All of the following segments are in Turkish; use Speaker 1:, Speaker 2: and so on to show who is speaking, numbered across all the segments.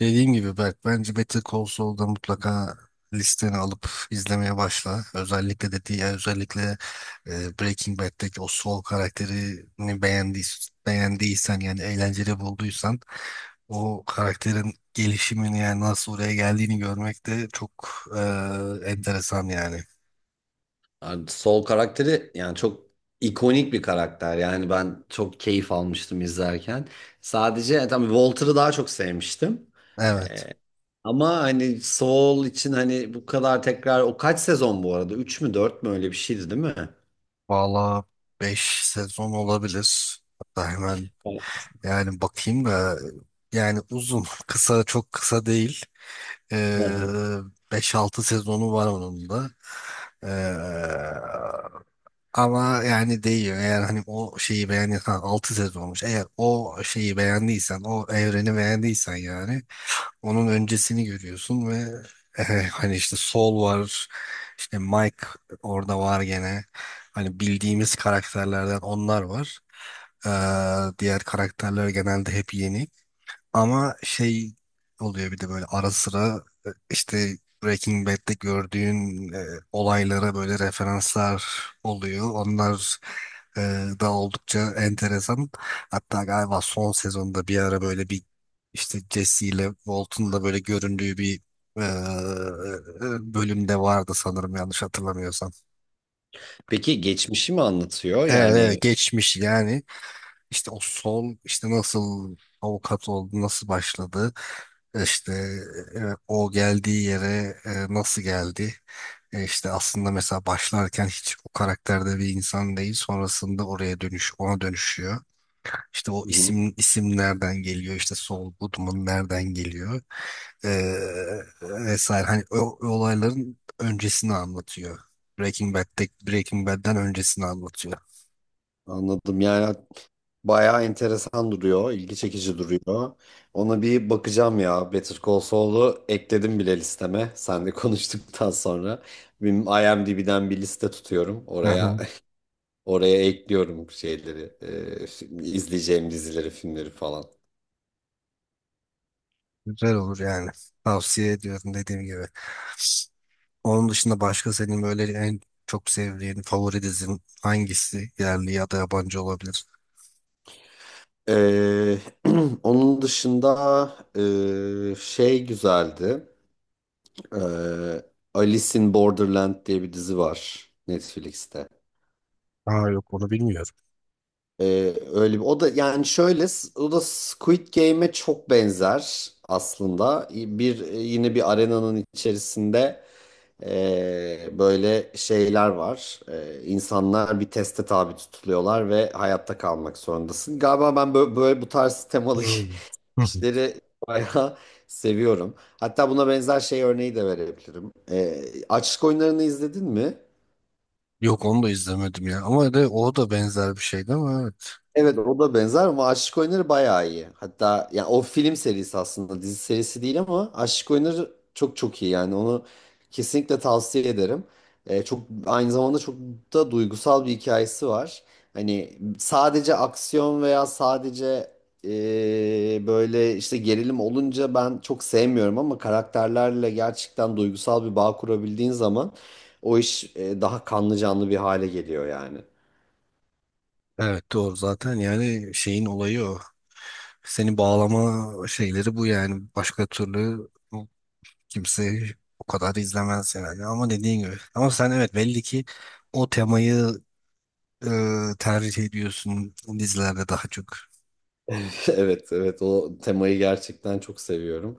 Speaker 1: Dediğim gibi Berk, bence Better Call Saul'da mutlaka listeni alıp izlemeye başla. Özellikle de diğer özellikle Breaking Bad'deki o Saul karakterini beğendiysen yani eğlenceli bulduysan o karakterin gelişimini yani nasıl oraya geldiğini görmek de çok enteresan yani.
Speaker 2: Abi Sol karakteri yani çok ikonik bir karakter. Yani ben çok keyif almıştım izlerken. Sadece yani tabii Walter'ı daha çok sevmiştim.
Speaker 1: Evet.
Speaker 2: Ama hani Sol için hani bu kadar tekrar, o kaç sezon bu arada? Üç mü 4 mü, öyle bir şeydi değil mi?
Speaker 1: Valla 5 sezon olabilir. Hatta hemen
Speaker 2: Evet.
Speaker 1: yani bakayım da yani uzun, kısa çok kısa değil.
Speaker 2: Hı hı.
Speaker 1: Ee, 5-6 sezonu var onun da. Ee, Ama yani değiyor. Eğer hani o şeyi beğendiysen 6 sezonmuş. Eğer o şeyi beğendiysen, o evreni beğendiysen yani onun öncesini görüyorsun ve hani işte Sol var. İşte Mike orada var gene. Hani bildiğimiz karakterlerden onlar var. Diğer karakterler genelde hep yeni. Ama şey oluyor bir de böyle ara sıra işte Breaking Bad'de gördüğün olaylara böyle referanslar oluyor. Onlar e, da oldukça enteresan. Hatta galiba son sezonda bir ara böyle bir işte Jesse ile Walt'un da böyle göründüğü bir e, bölümde vardı sanırım yanlış hatırlamıyorsam.
Speaker 2: Peki geçmişi mi anlatıyor?
Speaker 1: Evet, evet,
Speaker 2: Yani
Speaker 1: geçmiş yani. İşte o sol işte nasıl avukat oldu, nasıl başladı, işte e, o geldiği yere nasıl geldi. İşte aslında mesela başlarken hiç o karakterde bir insan değil, sonrasında oraya dönüş, ona dönüşüyor. İşte o
Speaker 2: hı hı,
Speaker 1: isim isim nereden geliyor, işte Saul Goodman nereden geliyor e, vesaire. Hani o olayların öncesini anlatıyor. Breaking Bad'den öncesini anlatıyor.
Speaker 2: anladım yani. Bayağı enteresan duruyor, ilgi çekici duruyor. Ona bir bakacağım ya. Better Call Saul'u ekledim bile listeme. Senle konuştuktan sonra benim IMDb'den bir liste tutuyorum.
Speaker 1: Hı
Speaker 2: Oraya
Speaker 1: hı.
Speaker 2: oraya ekliyorum şeyleri, izleyeceğim dizileri, filmleri falan.
Speaker 1: Güzel olur yani. Tavsiye ediyorum dediğim gibi. Onun dışında başka senin böyle en çok sevdiğin favori dizin hangisi? Yerli ya da yabancı olabilir.
Speaker 2: Ee, onun dışında şey güzeldi. Ee, Alice in Borderland diye bir dizi var Netflix'te.
Speaker 1: Aa, yok, onu bilmiyorum.
Speaker 2: Öyle bir, o da yani şöyle o da Squid Game'e çok benzer aslında. Bir, yine bir arenanın içerisinde böyle şeyler var. İnsanlar bir teste tabi tutuluyorlar ve hayatta kalmak zorundasın. Galiba ben böyle bu tarz temalı
Speaker 1: Hmm. Hı hı.
Speaker 2: işleri bayağı seviyorum. Hatta buna benzer şey örneği de verebilirim. Açlık oyunlarını izledin mi?
Speaker 1: Yok, onu da izlemedim ya. Ama de o da benzer bir şeydi, ama evet.
Speaker 2: Evet, o da benzer ama Aşık Oyunları bayağı iyi. Hatta ya o film serisi aslında, dizi serisi değil ama Aşık Oyunları çok çok iyi yani, onu kesinlikle tavsiye ederim. Çok aynı zamanda çok da duygusal bir hikayesi var. Hani sadece aksiyon veya sadece böyle işte gerilim olunca ben çok sevmiyorum ama karakterlerle gerçekten duygusal bir bağ kurabildiğin zaman o iş daha kanlı canlı bir hale geliyor yani.
Speaker 1: Evet, doğru, zaten yani şeyin olayı o. Seni bağlama şeyleri bu yani. Başka türlü kimse o kadar izlemez yani. Ama dediğin gibi. Ama sen, evet, belli ki o temayı e, tercih ediyorsun dizilerde daha çok?
Speaker 2: Evet, evet o temayı gerçekten çok seviyorum.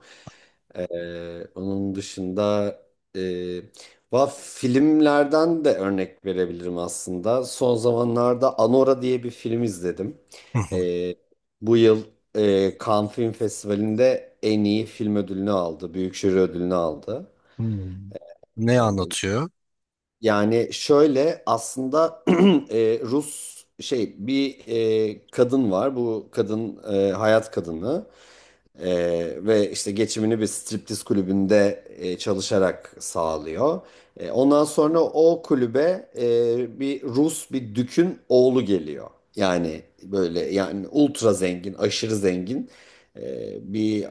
Speaker 2: Onun dışında e, va filmlerden de örnek verebilirim aslında. Son zamanlarda Anora diye bir film izledim.
Speaker 1: Hı hı.
Speaker 2: Ee, Bu yıl Cannes Film Festivali'nde en iyi film ödülünü aldı, büyük jüri ödülünü aldı.
Speaker 1: Hmm. Ne
Speaker 2: Ee,
Speaker 1: anlatıyor?
Speaker 2: Yani şöyle aslında Rus şey bir kadın var, bu kadın hayat kadını. Ve işte geçimini bir striptiz kulübünde çalışarak sağlıyor. Ondan sonra o kulübe, bir Rus, bir dükün oğlu geliyor. Yani böyle, yani ultra zengin, aşırı zengin bir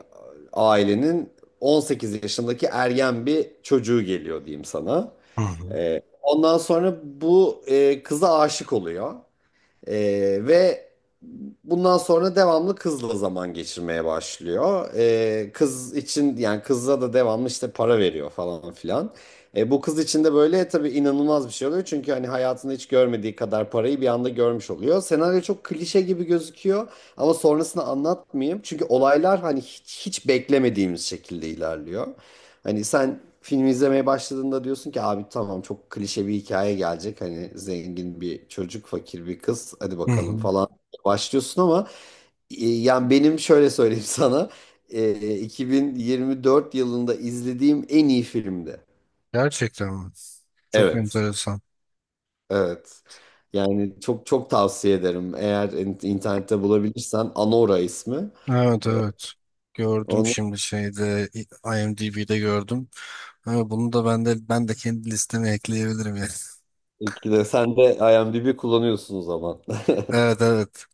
Speaker 2: ailenin 18 yaşındaki ergen bir çocuğu geliyor diyeyim sana.
Speaker 1: Hı hı.
Speaker 2: Ondan sonra bu kıza aşık oluyor. Ve bundan sonra devamlı kızla zaman geçirmeye başlıyor. Kız için yani, kızla da devamlı işte para veriyor falan filan. Bu kız için de böyle tabii inanılmaz bir şey oluyor. Çünkü hani hayatında hiç görmediği kadar parayı bir anda görmüş oluyor. Senaryo çok klişe gibi gözüküyor ama sonrasını anlatmayayım. Çünkü olaylar hani hiç beklemediğimiz şekilde ilerliyor. Hani sen film izlemeye başladığında diyorsun ki abi tamam, çok klişe bir hikaye gelecek. Hani zengin bir çocuk, fakir bir kız, hadi
Speaker 1: Hı
Speaker 2: bakalım
Speaker 1: hı.
Speaker 2: falan başlıyorsun ama yani benim şöyle söyleyeyim sana, 2024 yılında izlediğim en iyi filmdi.
Speaker 1: Gerçekten mi? Çok
Speaker 2: Evet.
Speaker 1: enteresan.
Speaker 2: Evet. Yani çok çok tavsiye ederim. Eğer internette bulabilirsen Anora ismi.
Speaker 1: Evet,
Speaker 2: E,
Speaker 1: evet. Gördüm
Speaker 2: Onu
Speaker 1: şimdi IMDb'de gördüm. Ama bunu da ben de kendi listeme ekleyebilirim yani.
Speaker 2: ikide sen de IMDb kullanıyorsun o zaman.
Speaker 1: Evet, evet.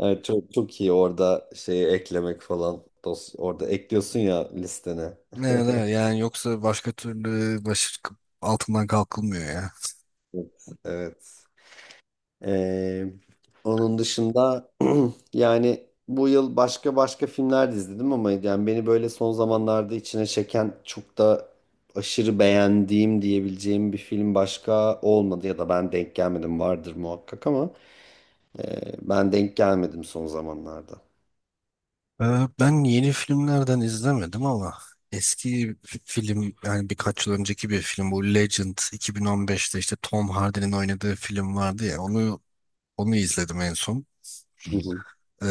Speaker 2: Evet, çok çok iyi orada şeyi eklemek falan. Orada ekliyorsun ya listene.
Speaker 1: Evet, evet. Yani yoksa başka türlü başı altından kalkılmıyor ya.
Speaker 2: Evet. Evet. Ee, Onun dışında yani bu yıl başka başka filmler de izledim ama yani beni böyle son zamanlarda içine çeken, çok da aşırı beğendiğim diyebileceğim bir film başka olmadı, ya da ben denk gelmedim, vardır muhakkak ama ben denk gelmedim son zamanlarda.
Speaker 1: Ben yeni filmlerden izlemedim ama eski film yani birkaç yıl önceki bir film, bu Legend, 2015'te işte Tom Hardy'nin oynadığı film vardı ya, onu izledim en son.
Speaker 2: Hı hı.
Speaker 1: Ee,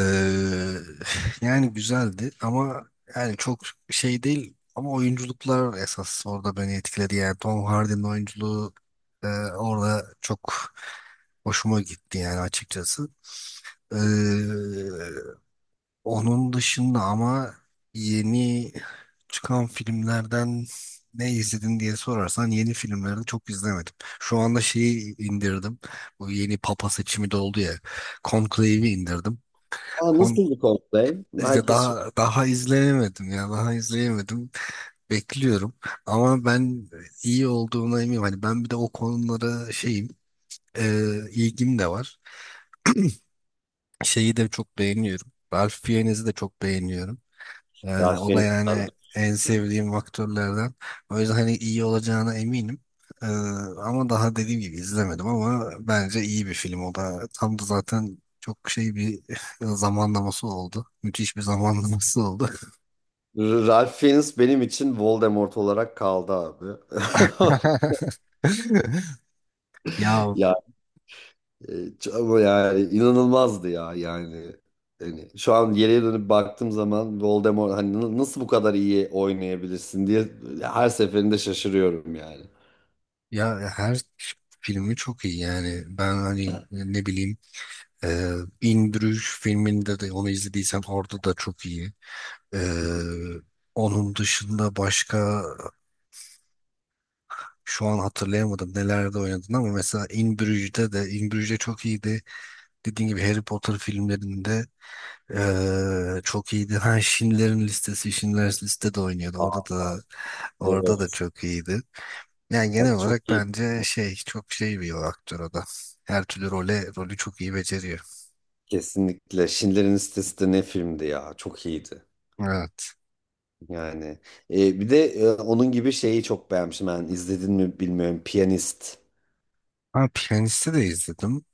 Speaker 1: yani güzeldi ama yani çok şey değil, ama oyunculuklar esas orada beni etkiledi, yani Tom Hardy'nin oyunculuğu e, orada çok hoşuma gitti yani açıkçası. Ee, Onun dışında ama yeni çıkan filmlerden ne izledin diye sorarsan, yeni filmleri çok izlemedim. Şu anda şeyi indirdim. Bu yeni papa seçimi de oldu ya. Conclave'i indirdim.
Speaker 2: Aa,
Speaker 1: Kon
Speaker 2: nasıldı Coldplay?
Speaker 1: işte
Speaker 2: Herkes çok...
Speaker 1: daha izleyemedim ya. Daha izleyemedim. Bekliyorum. Ama ben iyi olduğuna eminim. Hani ben bir de o konulara ilgim de var. Şeyi de çok beğeniyorum. Ralph Fiennes'i de çok beğeniyorum.
Speaker 2: Ya
Speaker 1: O da
Speaker 2: seni
Speaker 1: yani en sevdiğim aktörlerden. O yüzden hani iyi olacağına eminim. Ee, Ama daha dediğim gibi izlemedim, ama bence iyi bir film o da. Tam da zaten çok şey bir zamanlaması oldu. Müthiş bir zamanlaması oldu.
Speaker 2: Ralph Fiennes benim için Voldemort olarak kaldı abi.
Speaker 1: Ya
Speaker 2: Ya, e, ama yani inanılmazdı ya yani. Yani şu an geriye dönüp baktığım zaman Voldemort hani nasıl bu kadar iyi oynayabilirsin diye her seferinde şaşırıyorum yani.
Speaker 1: ya her filmi çok iyi yani. Ben hani ne bileyim e, In Bruges filminde de onu izlediysen orada da çok iyi.
Speaker 2: Hı
Speaker 1: Ee,
Speaker 2: hı.
Speaker 1: Onun dışında başka şu an hatırlayamadım nelerde oynadın, ama mesela In Bruges çok iyiydi. Dediğim gibi Harry Potter filmlerinde çok iyiydi. Ha Schindler's Liste de oynuyordu. Orada
Speaker 2: Aa,
Speaker 1: da
Speaker 2: evet.
Speaker 1: çok iyiydi. Yani genel
Speaker 2: Bak çok
Speaker 1: olarak
Speaker 2: iyi.
Speaker 1: bence şey, çok şey bir aktör o da. Her türlü rolü çok iyi beceriyor.
Speaker 2: Kesinlikle. Schindler'in Listesi de ne filmdi ya. Çok iyiydi.
Speaker 1: Evet.
Speaker 2: Yani, bir de onun gibi şeyi çok beğenmişim. Ben, izledin mi bilmiyorum. Piyanist.
Speaker 1: Ha, Piyanist'i de izledim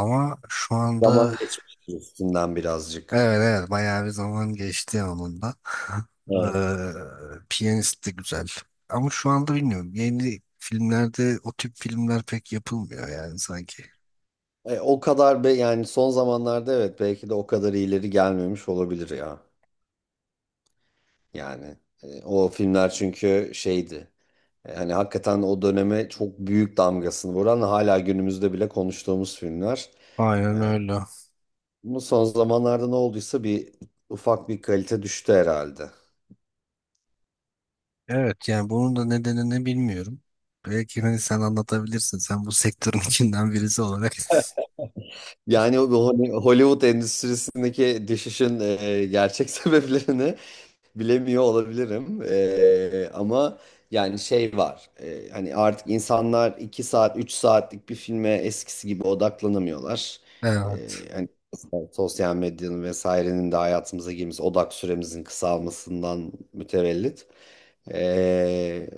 Speaker 1: ama şu
Speaker 2: Zaman
Speaker 1: anda.
Speaker 2: geçmiştir üstünden birazcık.
Speaker 1: Evet, evet, bayağı bir zaman geçti onunla.
Speaker 2: Evet.
Speaker 1: Piyanist de güzel. Ama şu anda bilmiyorum. Yeni filmlerde o tip filmler pek yapılmıyor yani sanki.
Speaker 2: O kadar be yani, son zamanlarda evet, belki de o kadar ileri gelmemiş olabilir ya. Yani o filmler çünkü şeydi. Hani hakikaten o döneme çok büyük damgasını vuran, hala günümüzde bile konuştuğumuz filmler. E,
Speaker 1: Aynen öyle.
Speaker 2: Bu son zamanlarda ne olduysa bir ufak bir kalite düştü herhalde.
Speaker 1: Evet, yani bunun da nedeni ne bilmiyorum. Belki hani sen anlatabilirsin. Sen bu sektörün içinden birisi olarak.
Speaker 2: Yani bu hani Hollywood endüstrisindeki düşüşün gerçek sebeplerini bilemiyor olabilirim. Ama yani şey var. Hani artık insanlar 2 saat 3 saatlik bir filme eskisi gibi odaklanamıyorlar.
Speaker 1: Evet.
Speaker 2: Hani sosyal medyanın vesairenin de hayatımıza girmesi, odak süremizin kısalmasından mütevellit. Ee,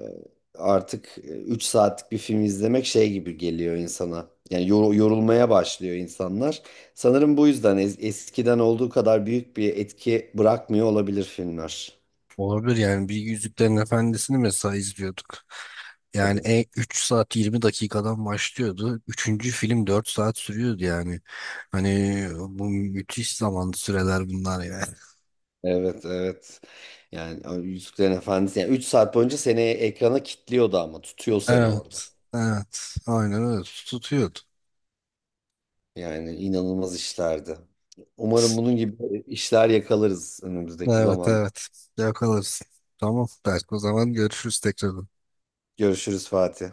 Speaker 2: Artık 3 saatlik bir film izlemek şey gibi geliyor insana yani, yorulmaya başlıyor insanlar. Sanırım bu yüzden eskiden olduğu kadar büyük bir etki bırakmıyor olabilir filmler.
Speaker 1: Olabilir yani, bir Yüzüklerin Efendisi'ni mesela izliyorduk. Yani
Speaker 2: Tabii.
Speaker 1: 3 saat 20 dakikadan başlıyordu. Üçüncü film 4 saat sürüyordu yani. Hani bu müthiş zaman süreler bunlar ya.
Speaker 2: Evet, evet. Yani o Yüzüklerin Efendisi yani 3 saat boyunca seni ekrana kilitliyordu ama tutuyor seni orada.
Speaker 1: Evet. Evet. Aynen öyle. Tutuyordu.
Speaker 2: Yani inanılmaz işlerdi. Umarım bunun gibi işler yakalarız önümüzdeki
Speaker 1: Evet,
Speaker 2: zaman.
Speaker 1: evet. Yakalarız. Tamam. Belki o zaman görüşürüz tekrar.
Speaker 2: Görüşürüz Fatih.